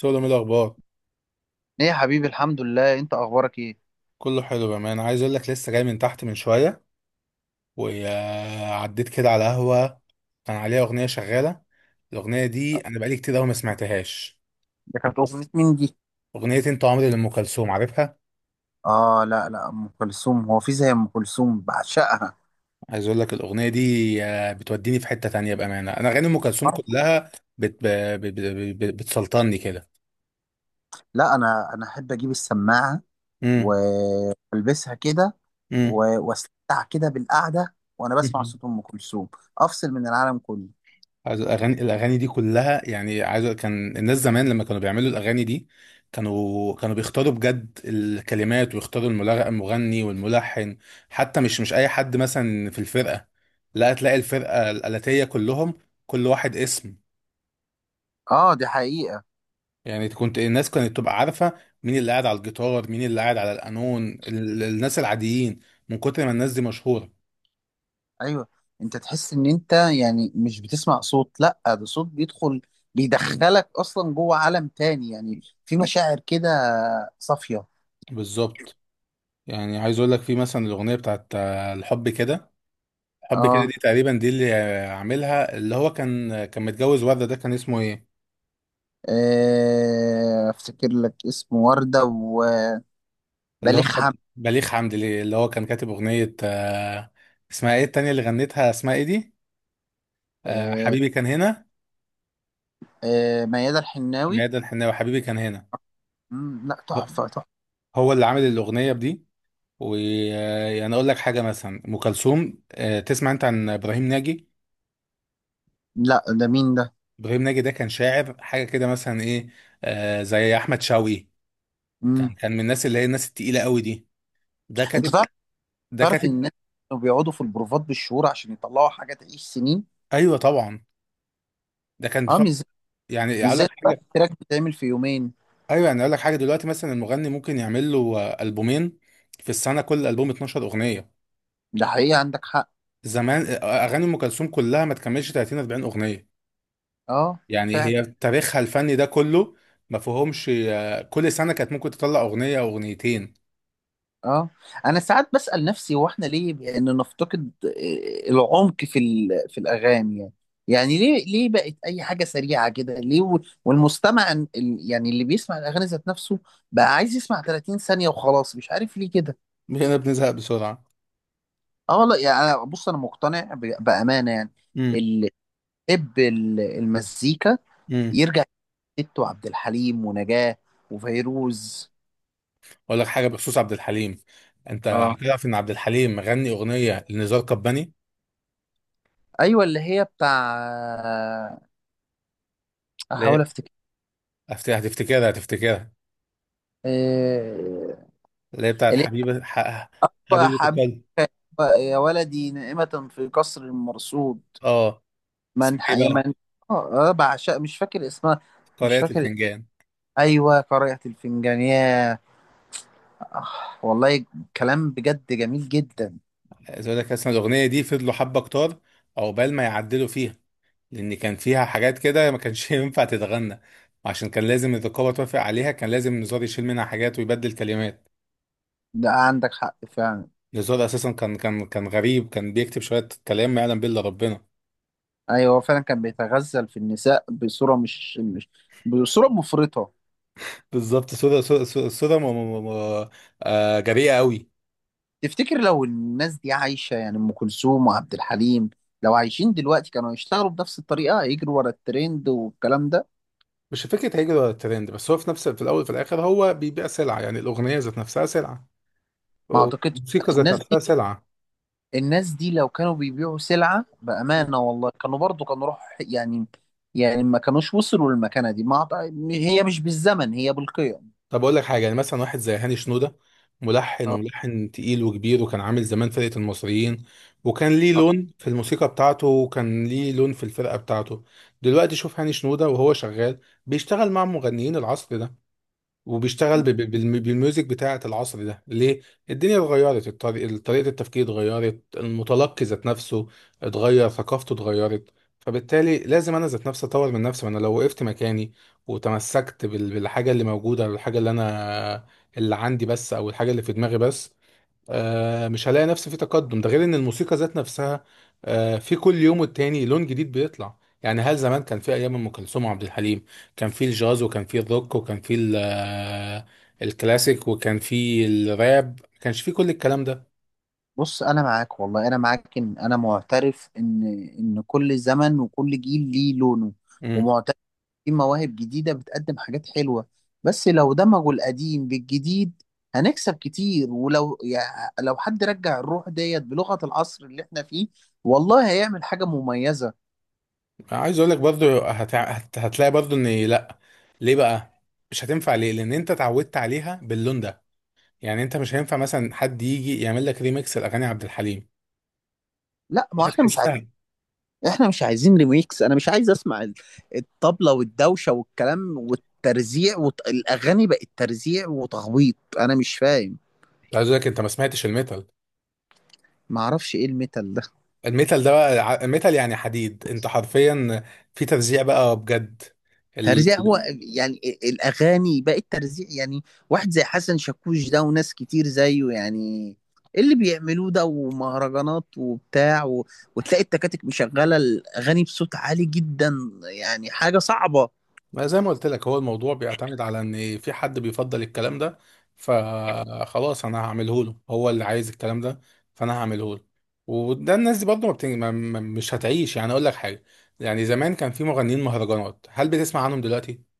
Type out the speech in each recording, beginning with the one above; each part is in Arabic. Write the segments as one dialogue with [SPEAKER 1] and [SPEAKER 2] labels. [SPEAKER 1] سودا من الاخبار.
[SPEAKER 2] ايه يا حبيبي، الحمد لله. انت اخبارك ايه؟
[SPEAKER 1] كله حلو بامانه، عايز اقول لك لسه جاي من تحت من شويه، وعديت كده على قهوه كان عليها اغنيه شغاله. الاغنيه دي انا بقالي كتير قوي ما سمعتهاش.
[SPEAKER 2] ده كانت أغنية مين دي؟
[SPEAKER 1] اغنيه انت عمري لام كلثوم، عارفها؟
[SPEAKER 2] اه، لا لا، ام كلثوم. هو في زي ام كلثوم؟ بعشقها.
[SPEAKER 1] عايز اقول لك الاغنيه دي بتوديني في حته تانية، بامانه انا اغاني ام كلثوم
[SPEAKER 2] آه،
[SPEAKER 1] كلها بت... ب... ب... ب... ب... بتسلطني كده.
[SPEAKER 2] لا، انا احب اجيب السماعه
[SPEAKER 1] امم
[SPEAKER 2] والبسها كده
[SPEAKER 1] امم
[SPEAKER 2] واستمتع كده بالقعده وانا بسمع صوت ام كلثوم. افصل من العالم كله.
[SPEAKER 1] عايز الاغاني دي كلها، يعني كان الناس زمان لما كانوا بيعملوا الاغاني دي كانوا بيختاروا بجد الكلمات ويختاروا المغني والملحن. حتى مش اي حد مثلا في الفرقه، لا تلاقي الفرقه الآلاتية كلهم كل واحد اسم.
[SPEAKER 2] اه، دي حقيقه.
[SPEAKER 1] يعني كنت الناس كانت تبقى عارفه مين اللي قاعد على الجيتار مين اللي قاعد على القانون، الناس العاديين من كتر ما الناس دي مشهوره.
[SPEAKER 2] ايوه، انت تحس ان انت يعني مش بتسمع صوت، لا ده صوت بيدخل، بيدخلك اصلا جوه عالم تاني يعني. في مشاعر كده صافيه.
[SPEAKER 1] بالظبط، يعني عايز اقول لك في مثلا الاغنيه بتاعت الحب كده، حب كده دي،
[SPEAKER 2] اه،
[SPEAKER 1] تقريبا دي اللي عاملها، اللي هو كان متجوز وردة، ده كان اسمه ايه؟
[SPEAKER 2] افتكر لك اسمه وردة وبليغ
[SPEAKER 1] اللي هو كان
[SPEAKER 2] حمد.
[SPEAKER 1] بليغ حمدي، ليه؟ اللي هو كان كاتب اغنية، اسمها ايه التانية اللي غنتها، اسمها ايه دي؟
[SPEAKER 2] آه،
[SPEAKER 1] حبيبي كان هنا.
[SPEAKER 2] ميادة الحناوي.
[SPEAKER 1] ميادة الحناوي، حبيبي كان هنا،
[SPEAKER 2] لا، تحفة تحفة.
[SPEAKER 1] هو اللي عامل الاغنية بدي. ويعني اقول لك حاجة، مثلا ام كلثوم، تسمع انت عن ابراهيم ناجي؟
[SPEAKER 2] لا، ده مين ده؟
[SPEAKER 1] ابراهيم ناجي ده كان شاعر حاجة كده مثلا، ايه، زي احمد شوقي. كان
[SPEAKER 2] مم.
[SPEAKER 1] كان من الناس اللي هي الناس التقيلة قوي دي. ده
[SPEAKER 2] انت
[SPEAKER 1] كاتب،
[SPEAKER 2] تعرف،
[SPEAKER 1] ده
[SPEAKER 2] تعرف ان
[SPEAKER 1] كاتب.
[SPEAKER 2] الناس كانوا بيقعدوا في البروفات بالشهور عشان يطلعوا حاجة تعيش سنين.
[SPEAKER 1] ايوه طبعا. ده كان
[SPEAKER 2] اه،
[SPEAKER 1] بتوع، يعني
[SPEAKER 2] مش
[SPEAKER 1] اقول لك
[SPEAKER 2] زي دلوقتي،
[SPEAKER 1] حاجه.
[SPEAKER 2] التراك بيتعمل في يومين.
[SPEAKER 1] ايوه، يعني اقول لك حاجه، دلوقتي مثلا المغني ممكن يعمل له البومين في السنه، كل البوم 12 اغنيه.
[SPEAKER 2] ده حقيقة، عندك حق.
[SPEAKER 1] زمان اغاني ام كلثوم كلها ما تكملش 30 40 اغنيه.
[SPEAKER 2] اه
[SPEAKER 1] يعني
[SPEAKER 2] فعلا.
[SPEAKER 1] هي تاريخها الفني ده كله ما فيهمش، كل سنه كانت ممكن تطلع اغنيه او اغنيتين.
[SPEAKER 2] اه، انا ساعات بسأل نفسي، هو احنا ليه بان نفتقد العمق في في الاغاني يعني؟ يعني ليه، ليه بقت اي حاجه سريعه كده؟ ليه والمستمع يعني اللي بيسمع الاغاني ذات نفسه بقى عايز يسمع 30 ثانيه وخلاص، مش عارف ليه كده.
[SPEAKER 1] هنا بنزهق بسرعه.
[SPEAKER 2] اه والله يعني، بص انا مقتنع بامانه يعني.
[SPEAKER 1] امم.
[SPEAKER 2] اللي يحب المزيكا
[SPEAKER 1] امم.
[SPEAKER 2] يرجع لست وعبد الحليم ونجاة وفيروز.
[SPEAKER 1] اقول لك حاجه بخصوص عبد الحليم، انت
[SPEAKER 2] اه،
[SPEAKER 1] هتعرف ان عبد الحليم غني اغنيه لنزار قباني؟
[SPEAKER 2] ايوه اللي هي بتاع، احاول
[SPEAKER 1] ليه؟ هتفتكرها.
[SPEAKER 2] افتكر.
[SPEAKER 1] اللي هي بتاعت
[SPEAKER 2] اللي هو
[SPEAKER 1] حبيبة
[SPEAKER 2] حبيبك
[SPEAKER 1] قلبي.
[SPEAKER 2] يا ولدي نائمة في قصر مرصود.
[SPEAKER 1] اه، اسمها ايه
[SPEAKER 2] يا
[SPEAKER 1] بقى؟
[SPEAKER 2] من. اه، بعشق مش فاكر اسمها. مش
[SPEAKER 1] قارئة
[SPEAKER 2] فاكر اسمها.
[SPEAKER 1] الفنجان.
[SPEAKER 2] ايوه، قارئة الفنجان. ياه. آه، والله، كلام بجد جميل جدا.
[SPEAKER 1] عايز اقول لك، اصلا الاغنيه دي فضلوا حبه كتار عقبال ما يعدلوا فيها، لان كان فيها حاجات كده ما كانش ينفع تتغنى، عشان كان لازم الرقابه توافق عليها، كان لازم نزار يشيل منها حاجات ويبدل كلمات.
[SPEAKER 2] ده عندك حق فعلا.
[SPEAKER 1] نزار اساسا كان غريب، كان بيكتب شويه كلام ما يعلم به الا ربنا.
[SPEAKER 2] ايوه، هو فعلا كان بيتغزل في النساء بصورة مش بصورة مفرطة.
[SPEAKER 1] بالظبط، صوره صورة م- جريئه قوي.
[SPEAKER 2] تفتكر لو الناس دي عايشة يعني، ام كلثوم وعبد الحليم، لو عايشين دلوقتي كانوا يشتغلوا بنفس الطريقة، يجروا ورا الترند والكلام ده؟
[SPEAKER 1] مش فكره هيجري ورا الترند، بس هو في نفس، في الاول وفي الاخر هو بيبيع سلعه، يعني الاغنيه ذات نفسها سلعه
[SPEAKER 2] ما اعتقدش.
[SPEAKER 1] والموسيقى ذات
[SPEAKER 2] الناس
[SPEAKER 1] نفسها
[SPEAKER 2] دي
[SPEAKER 1] سلعه.
[SPEAKER 2] الناس دي لو كانوا بيبيعوا سلعة بأمانة والله كانوا برضو كانوا روح يعني. يعني ما كانوش وصلوا للمكانة دي. ما أعط- هي مش بالزمن، هي بالقيم.
[SPEAKER 1] طب اقول لك حاجه، يعني مثلا واحد زي هاني شنوده، ملحن،
[SPEAKER 2] آه،
[SPEAKER 1] وملحن تقيل وكبير، وكان عامل زمان فرقه المصريين، وكان ليه
[SPEAKER 2] آه.
[SPEAKER 1] لون في الموسيقى بتاعته، وكان ليه لون في الفرقه بتاعته. دلوقتي شوف هاني شنوده وهو شغال، بيشتغل مع مغنيين العصر ده، وبيشتغل بالميوزك بتاعة العصر ده. ليه؟ الدنيا اتغيرت، طريقة التفكير اتغيرت، المتلقي ذات نفسه اتغير، ثقافته اتغيرت. فبالتالي لازم انا ذات نفسي اطور من نفسي، ما انا لو وقفت مكاني وتمسكت بالحاجة اللي موجودة، او الحاجة اللي انا اللي عندي بس، او الحاجة اللي في دماغي بس، مش هلاقي نفسي في تقدم. ده غير ان الموسيقى ذات نفسها في كل يوم والتاني لون جديد بيطلع. يعني هل زمان كان في ايام ام كلثوم وعبد الحليم كان في الجاز وكان في الروك وكان في الكلاسيك وكان في الراب؟ ما كانش في كل الكلام ده.
[SPEAKER 2] بص، أنا معاك والله، أنا معاك. إن أنا معترف إن، إن كل زمن وكل جيل ليه لونه.
[SPEAKER 1] امم.
[SPEAKER 2] ومعترف، في مواهب جديدة بتقدم حاجات حلوة. بس لو دمجوا القديم بالجديد هنكسب كتير. ولو يعني، لو حد رجع الروح ديت بلغة العصر اللي احنا فيه، والله هيعمل حاجة مميزة.
[SPEAKER 1] عايز اقول لك برضو هتلاقي برضو ان لا. ليه بقى؟ مش هتنفع ليه؟ لان انت اتعودت عليها باللون ده. يعني انت مش هينفع مثلا حد يجي يعمل لك ريميكس لاغاني عبد الحليم،
[SPEAKER 2] لا، ما
[SPEAKER 1] مش
[SPEAKER 2] احنا مش عايزين،
[SPEAKER 1] هتحسها.
[SPEAKER 2] احنا مش عايزين ريميكس. انا مش عايز اسمع الطبلة والدوشة والكلام والترزيع. والاغاني بقت ترزيع وتخبيط، انا مش فاهم.
[SPEAKER 1] عايز اقول لك، انت ما سمعتش الميتال؟
[SPEAKER 2] ما اعرفش ايه الميتال ده.
[SPEAKER 1] الميتال ده بقى ميتال يعني حديد، انت حرفيا في ترزيع بقى بجد. ال...
[SPEAKER 2] ترزيع،
[SPEAKER 1] ال-
[SPEAKER 2] هو يعني الاغاني بقت ترزيع يعني؟ واحد زي حسن شاكوش ده وناس كتير زيه يعني، إيه اللي بيعملوه ده، ومهرجانات وبتاع و... وتلاقي التكاتك مشغلة الاغاني بصوت عالي جدا، يعني حاجة صعبة.
[SPEAKER 1] ما زي ما قلت لك، هو الموضوع بيعتمد على ان في حد بيفضل الكلام ده، فخلاص انا هعمله له، هو اللي عايز الكلام ده، فانا هعمله له. وده الناس دي برضه ما بتن... ما... ما- مش هتعيش. يعني اقول لك حاجه، يعني زمان كان في مغنيين مهرجانات، هل بتسمع عنهم دلوقتي؟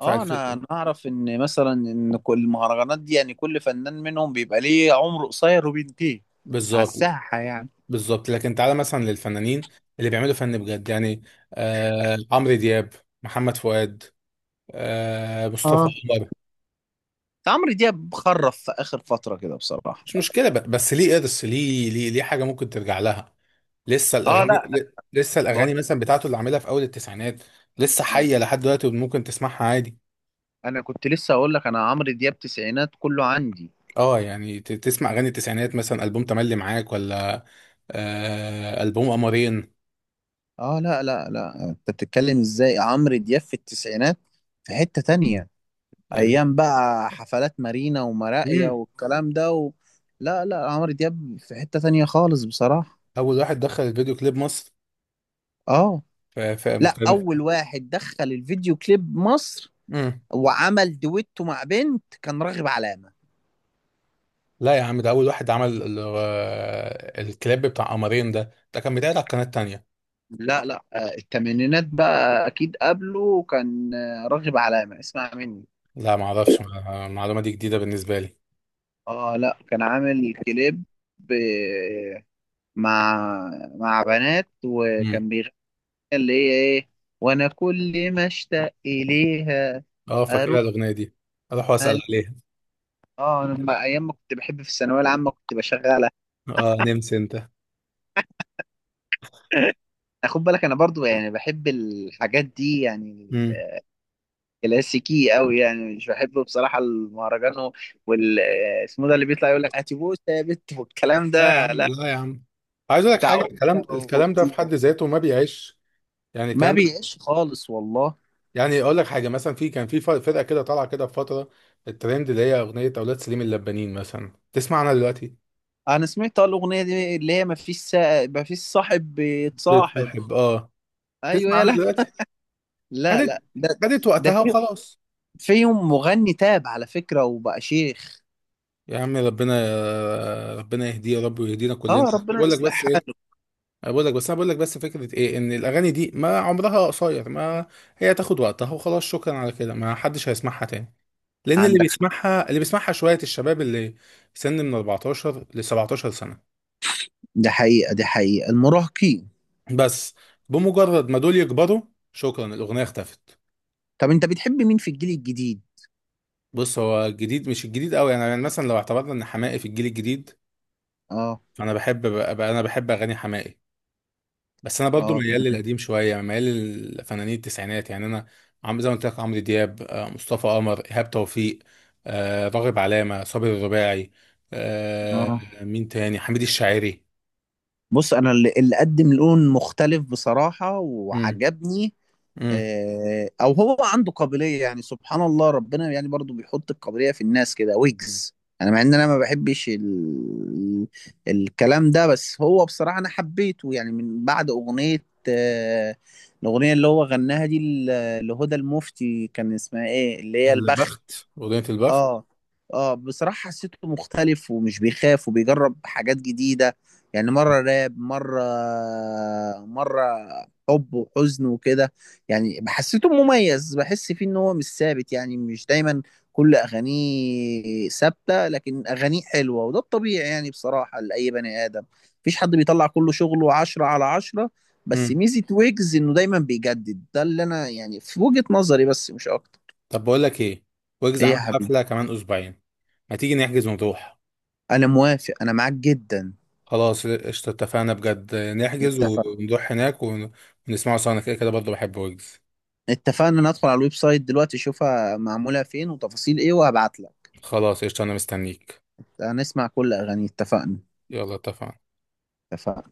[SPEAKER 1] في
[SPEAKER 2] اه،
[SPEAKER 1] الف...
[SPEAKER 2] انا اعرف ان مثلا ان كل المهرجانات دي يعني، كل فنان منهم بيبقى ليه عمر قصير وبينتهي على
[SPEAKER 1] بالظبط.
[SPEAKER 2] الساحه يعني.
[SPEAKER 1] بالظبط، لكن تعالى مثلا للفنانين اللي بيعملوا فن بجد يعني، عمرو دياب، محمد فؤاد، آه، مصطفى
[SPEAKER 2] اه،
[SPEAKER 1] قمر.
[SPEAKER 2] عمرو دياب خرف في اخر فتره كده بصراحه.
[SPEAKER 1] مش مشكله، بس ليه قرص، ليه حاجه ممكن ترجع لها؟
[SPEAKER 2] اه لا،
[SPEAKER 1] لسه
[SPEAKER 2] بقول،
[SPEAKER 1] الاغاني مثلا بتاعته اللي عاملها في اول التسعينات لسه حيه لحد دلوقتي وممكن تسمعها عادي.
[SPEAKER 2] انا كنت لسه اقول لك، انا عمرو دياب تسعينات كله عندي.
[SPEAKER 1] اه، يعني تسمع اغاني التسعينات، مثلا البوم تملي معاك، ولا آه البوم قمرين
[SPEAKER 2] اه لا لا لا، انت بتتكلم ازاي؟ عمرو دياب في التسعينات في حته تانية.
[SPEAKER 1] يعني.
[SPEAKER 2] ايام بقى حفلات مارينا ومراقيه
[SPEAKER 1] امم.
[SPEAKER 2] والكلام ده و... لا لا، عمرو دياب في حته تانية خالص بصراحه.
[SPEAKER 1] اول واحد دخل الفيديو كليب مصر،
[SPEAKER 2] اه.
[SPEAKER 1] في
[SPEAKER 2] لا،
[SPEAKER 1] مكان.
[SPEAKER 2] اول واحد دخل الفيديو كليب مصر
[SPEAKER 1] امم.
[SPEAKER 2] وعمل دويتو مع بنت كان راغب علامة.
[SPEAKER 1] لا يا عم، ده اول واحد عمل الكليب بتاع قمرين. ده كان بيتعرض على القناه التانيه.
[SPEAKER 2] لا لا، الثمانينات بقى اكيد قبله كان راغب علامة، اسمع مني.
[SPEAKER 1] لا، ما اعرفش، المعلومه دي جديده بالنسبه لي.
[SPEAKER 2] اه لا، كان عامل كليب ب- مع مع بنات
[SPEAKER 1] مم.
[SPEAKER 2] وكان بيغني، اللي هي ايه، وانا كل ما اشتاق اليها
[SPEAKER 1] اه، فاكرها
[SPEAKER 2] اروح
[SPEAKER 1] الاغنيه دي، اروح واسال
[SPEAKER 2] علي.
[SPEAKER 1] عليها.
[SPEAKER 2] اه، انا ايام ما كنت بحب في الثانويه العامه كنت بشغلها.
[SPEAKER 1] اه نمس انت.
[SPEAKER 2] خد بالك، انا برضو يعني بحب الحاجات دي يعني.
[SPEAKER 1] مم.
[SPEAKER 2] كلاسيكي قوي يعني، مش بحبه بصراحه المهرجان وال اسمه ده، اللي بيطلع يقول لك هاتي بوسه يا بت والكلام
[SPEAKER 1] لا يا
[SPEAKER 2] ده،
[SPEAKER 1] عم،
[SPEAKER 2] لا.
[SPEAKER 1] لا يا عم، عايز اقول لك
[SPEAKER 2] بتاع
[SPEAKER 1] حاجه، الكلام
[SPEAKER 2] أوتيتا
[SPEAKER 1] الكلام ده في
[SPEAKER 2] وأوتيتا.
[SPEAKER 1] حد ذاته ما بيعيش. يعني
[SPEAKER 2] ما
[SPEAKER 1] الكلام ده،
[SPEAKER 2] بيعيش خالص والله.
[SPEAKER 1] يعني اقول لك حاجه، مثلا في كان في فرقه كده طالعه كده في فتره الترند، اللي هي اغنيه اولاد سليم اللبانين، مثلا تسمع عنها دلوقتي؟
[SPEAKER 2] انا سمعت الاغنيه دي اللي هي ما فيش صاحب بيتصاحب.
[SPEAKER 1] بتصاحب اه.
[SPEAKER 2] ايوه،
[SPEAKER 1] تسمع عنها
[SPEAKER 2] يلا.
[SPEAKER 1] دلوقتي؟
[SPEAKER 2] لا
[SPEAKER 1] خدت
[SPEAKER 2] لا، ده،
[SPEAKER 1] خدت
[SPEAKER 2] ده
[SPEAKER 1] وقتها
[SPEAKER 2] في،
[SPEAKER 1] وخلاص.
[SPEAKER 2] فيهم مغني تاب على فكره وبقى شيخ.
[SPEAKER 1] يا عم ربنا، ربنا يهديه يا رب ويهدينا كلنا.
[SPEAKER 2] اه، ربنا
[SPEAKER 1] بقول لك
[SPEAKER 2] يصلح
[SPEAKER 1] بس، ايه،
[SPEAKER 2] حاله.
[SPEAKER 1] أنا بقول لك بس، انا بقول لك بس فكره، ايه ان الاغاني دي، ما عمرها قصير، ما هي تاخد وقتها وخلاص، شكرا على كده ما حدش هيسمعها تاني، لان اللي
[SPEAKER 2] عندك حق،
[SPEAKER 1] بيسمعها، اللي بيسمعها شويه الشباب اللي سن من 14 ل 17 سنه
[SPEAKER 2] ده حقيقه، دي حقيقه، المراهقين.
[SPEAKER 1] بس. بمجرد ما دول يكبروا، شكرا، الاغنيه اختفت.
[SPEAKER 2] طب انت بتحب مين في الجيل الجديد؟
[SPEAKER 1] بص، هو الجديد مش الجديد قوي يعني مثلا لو اعتبرنا ان حماقي في الجيل الجديد،
[SPEAKER 2] اه.
[SPEAKER 1] فانا بحب بقى، انا بحب اغاني حماقي، بس انا برضو
[SPEAKER 2] اه
[SPEAKER 1] ميال
[SPEAKER 2] تمام.
[SPEAKER 1] للقديم شويه، يعني ميال للفنانين التسعينات. يعني انا عم زي ما قلت لك، عمرو دياب، مصطفى قمر، ايهاب توفيق، راغب علامه، صابر الرباعي، آه،
[SPEAKER 2] اه،
[SPEAKER 1] مين تاني، حميد الشاعري.
[SPEAKER 2] بص، انا اللي قدم لون مختلف بصراحه
[SPEAKER 1] امم.
[SPEAKER 2] وعجبني،
[SPEAKER 1] امم.
[SPEAKER 2] او هو عنده قابليه يعني، سبحان الله، ربنا يعني برضو بيحط القابليه في الناس كده، ويجز. انا مع ان انا ما بحبش الكلام ده، بس هو بصراحه انا حبيته يعني من بعد اغنيه، آه، الاغنيه اللي هو غناها دي لهدى المفتي، كان اسمها ايه اللي هي، البخت.
[SPEAKER 1] البخت، اغنيه البخت.
[SPEAKER 2] اه. اه بصراحة حسيته مختلف ومش بيخاف وبيجرب حاجات جديدة. يعني مرة راب، مرة، مرة حب وحزن وكده. يعني حسيته مميز، بحس فيه ان هو مش ثابت يعني، مش دايما كل اغانيه ثابتة، لكن اغانيه حلوة، وده الطبيعي يعني بصراحة لأي بني آدم، مفيش حد بيطلع كل شغله عشرة على عشرة. بس
[SPEAKER 1] امم.
[SPEAKER 2] ميزة ويجز انه دايما بيجدد، ده اللي انا يعني في وجهة نظري، بس مش اكتر.
[SPEAKER 1] طب بقول لك ايه، ويجز
[SPEAKER 2] ايه يا
[SPEAKER 1] عامل
[SPEAKER 2] حبيبي؟
[SPEAKER 1] حفله كمان اسبوعين، ما تيجي نحجز ونروح؟
[SPEAKER 2] انا موافق، انا معاك جدا.
[SPEAKER 1] خلاص قشطه، اتفقنا بجد، نحجز
[SPEAKER 2] اتفقنا.
[SPEAKER 1] ونروح هناك ونسمعه سوا، انا كده كده برضه بحب ويجز.
[SPEAKER 2] اتفقنا، ندخل على الويب سايت دلوقتي اشوفها معمولة فين وتفاصيل ايه، وهبعت لك.
[SPEAKER 1] خلاص قشطه، انا مستنيك.
[SPEAKER 2] هنسمع كل اغاني، اتفقنا.
[SPEAKER 1] يلا اتفقنا.
[SPEAKER 2] اتفقنا.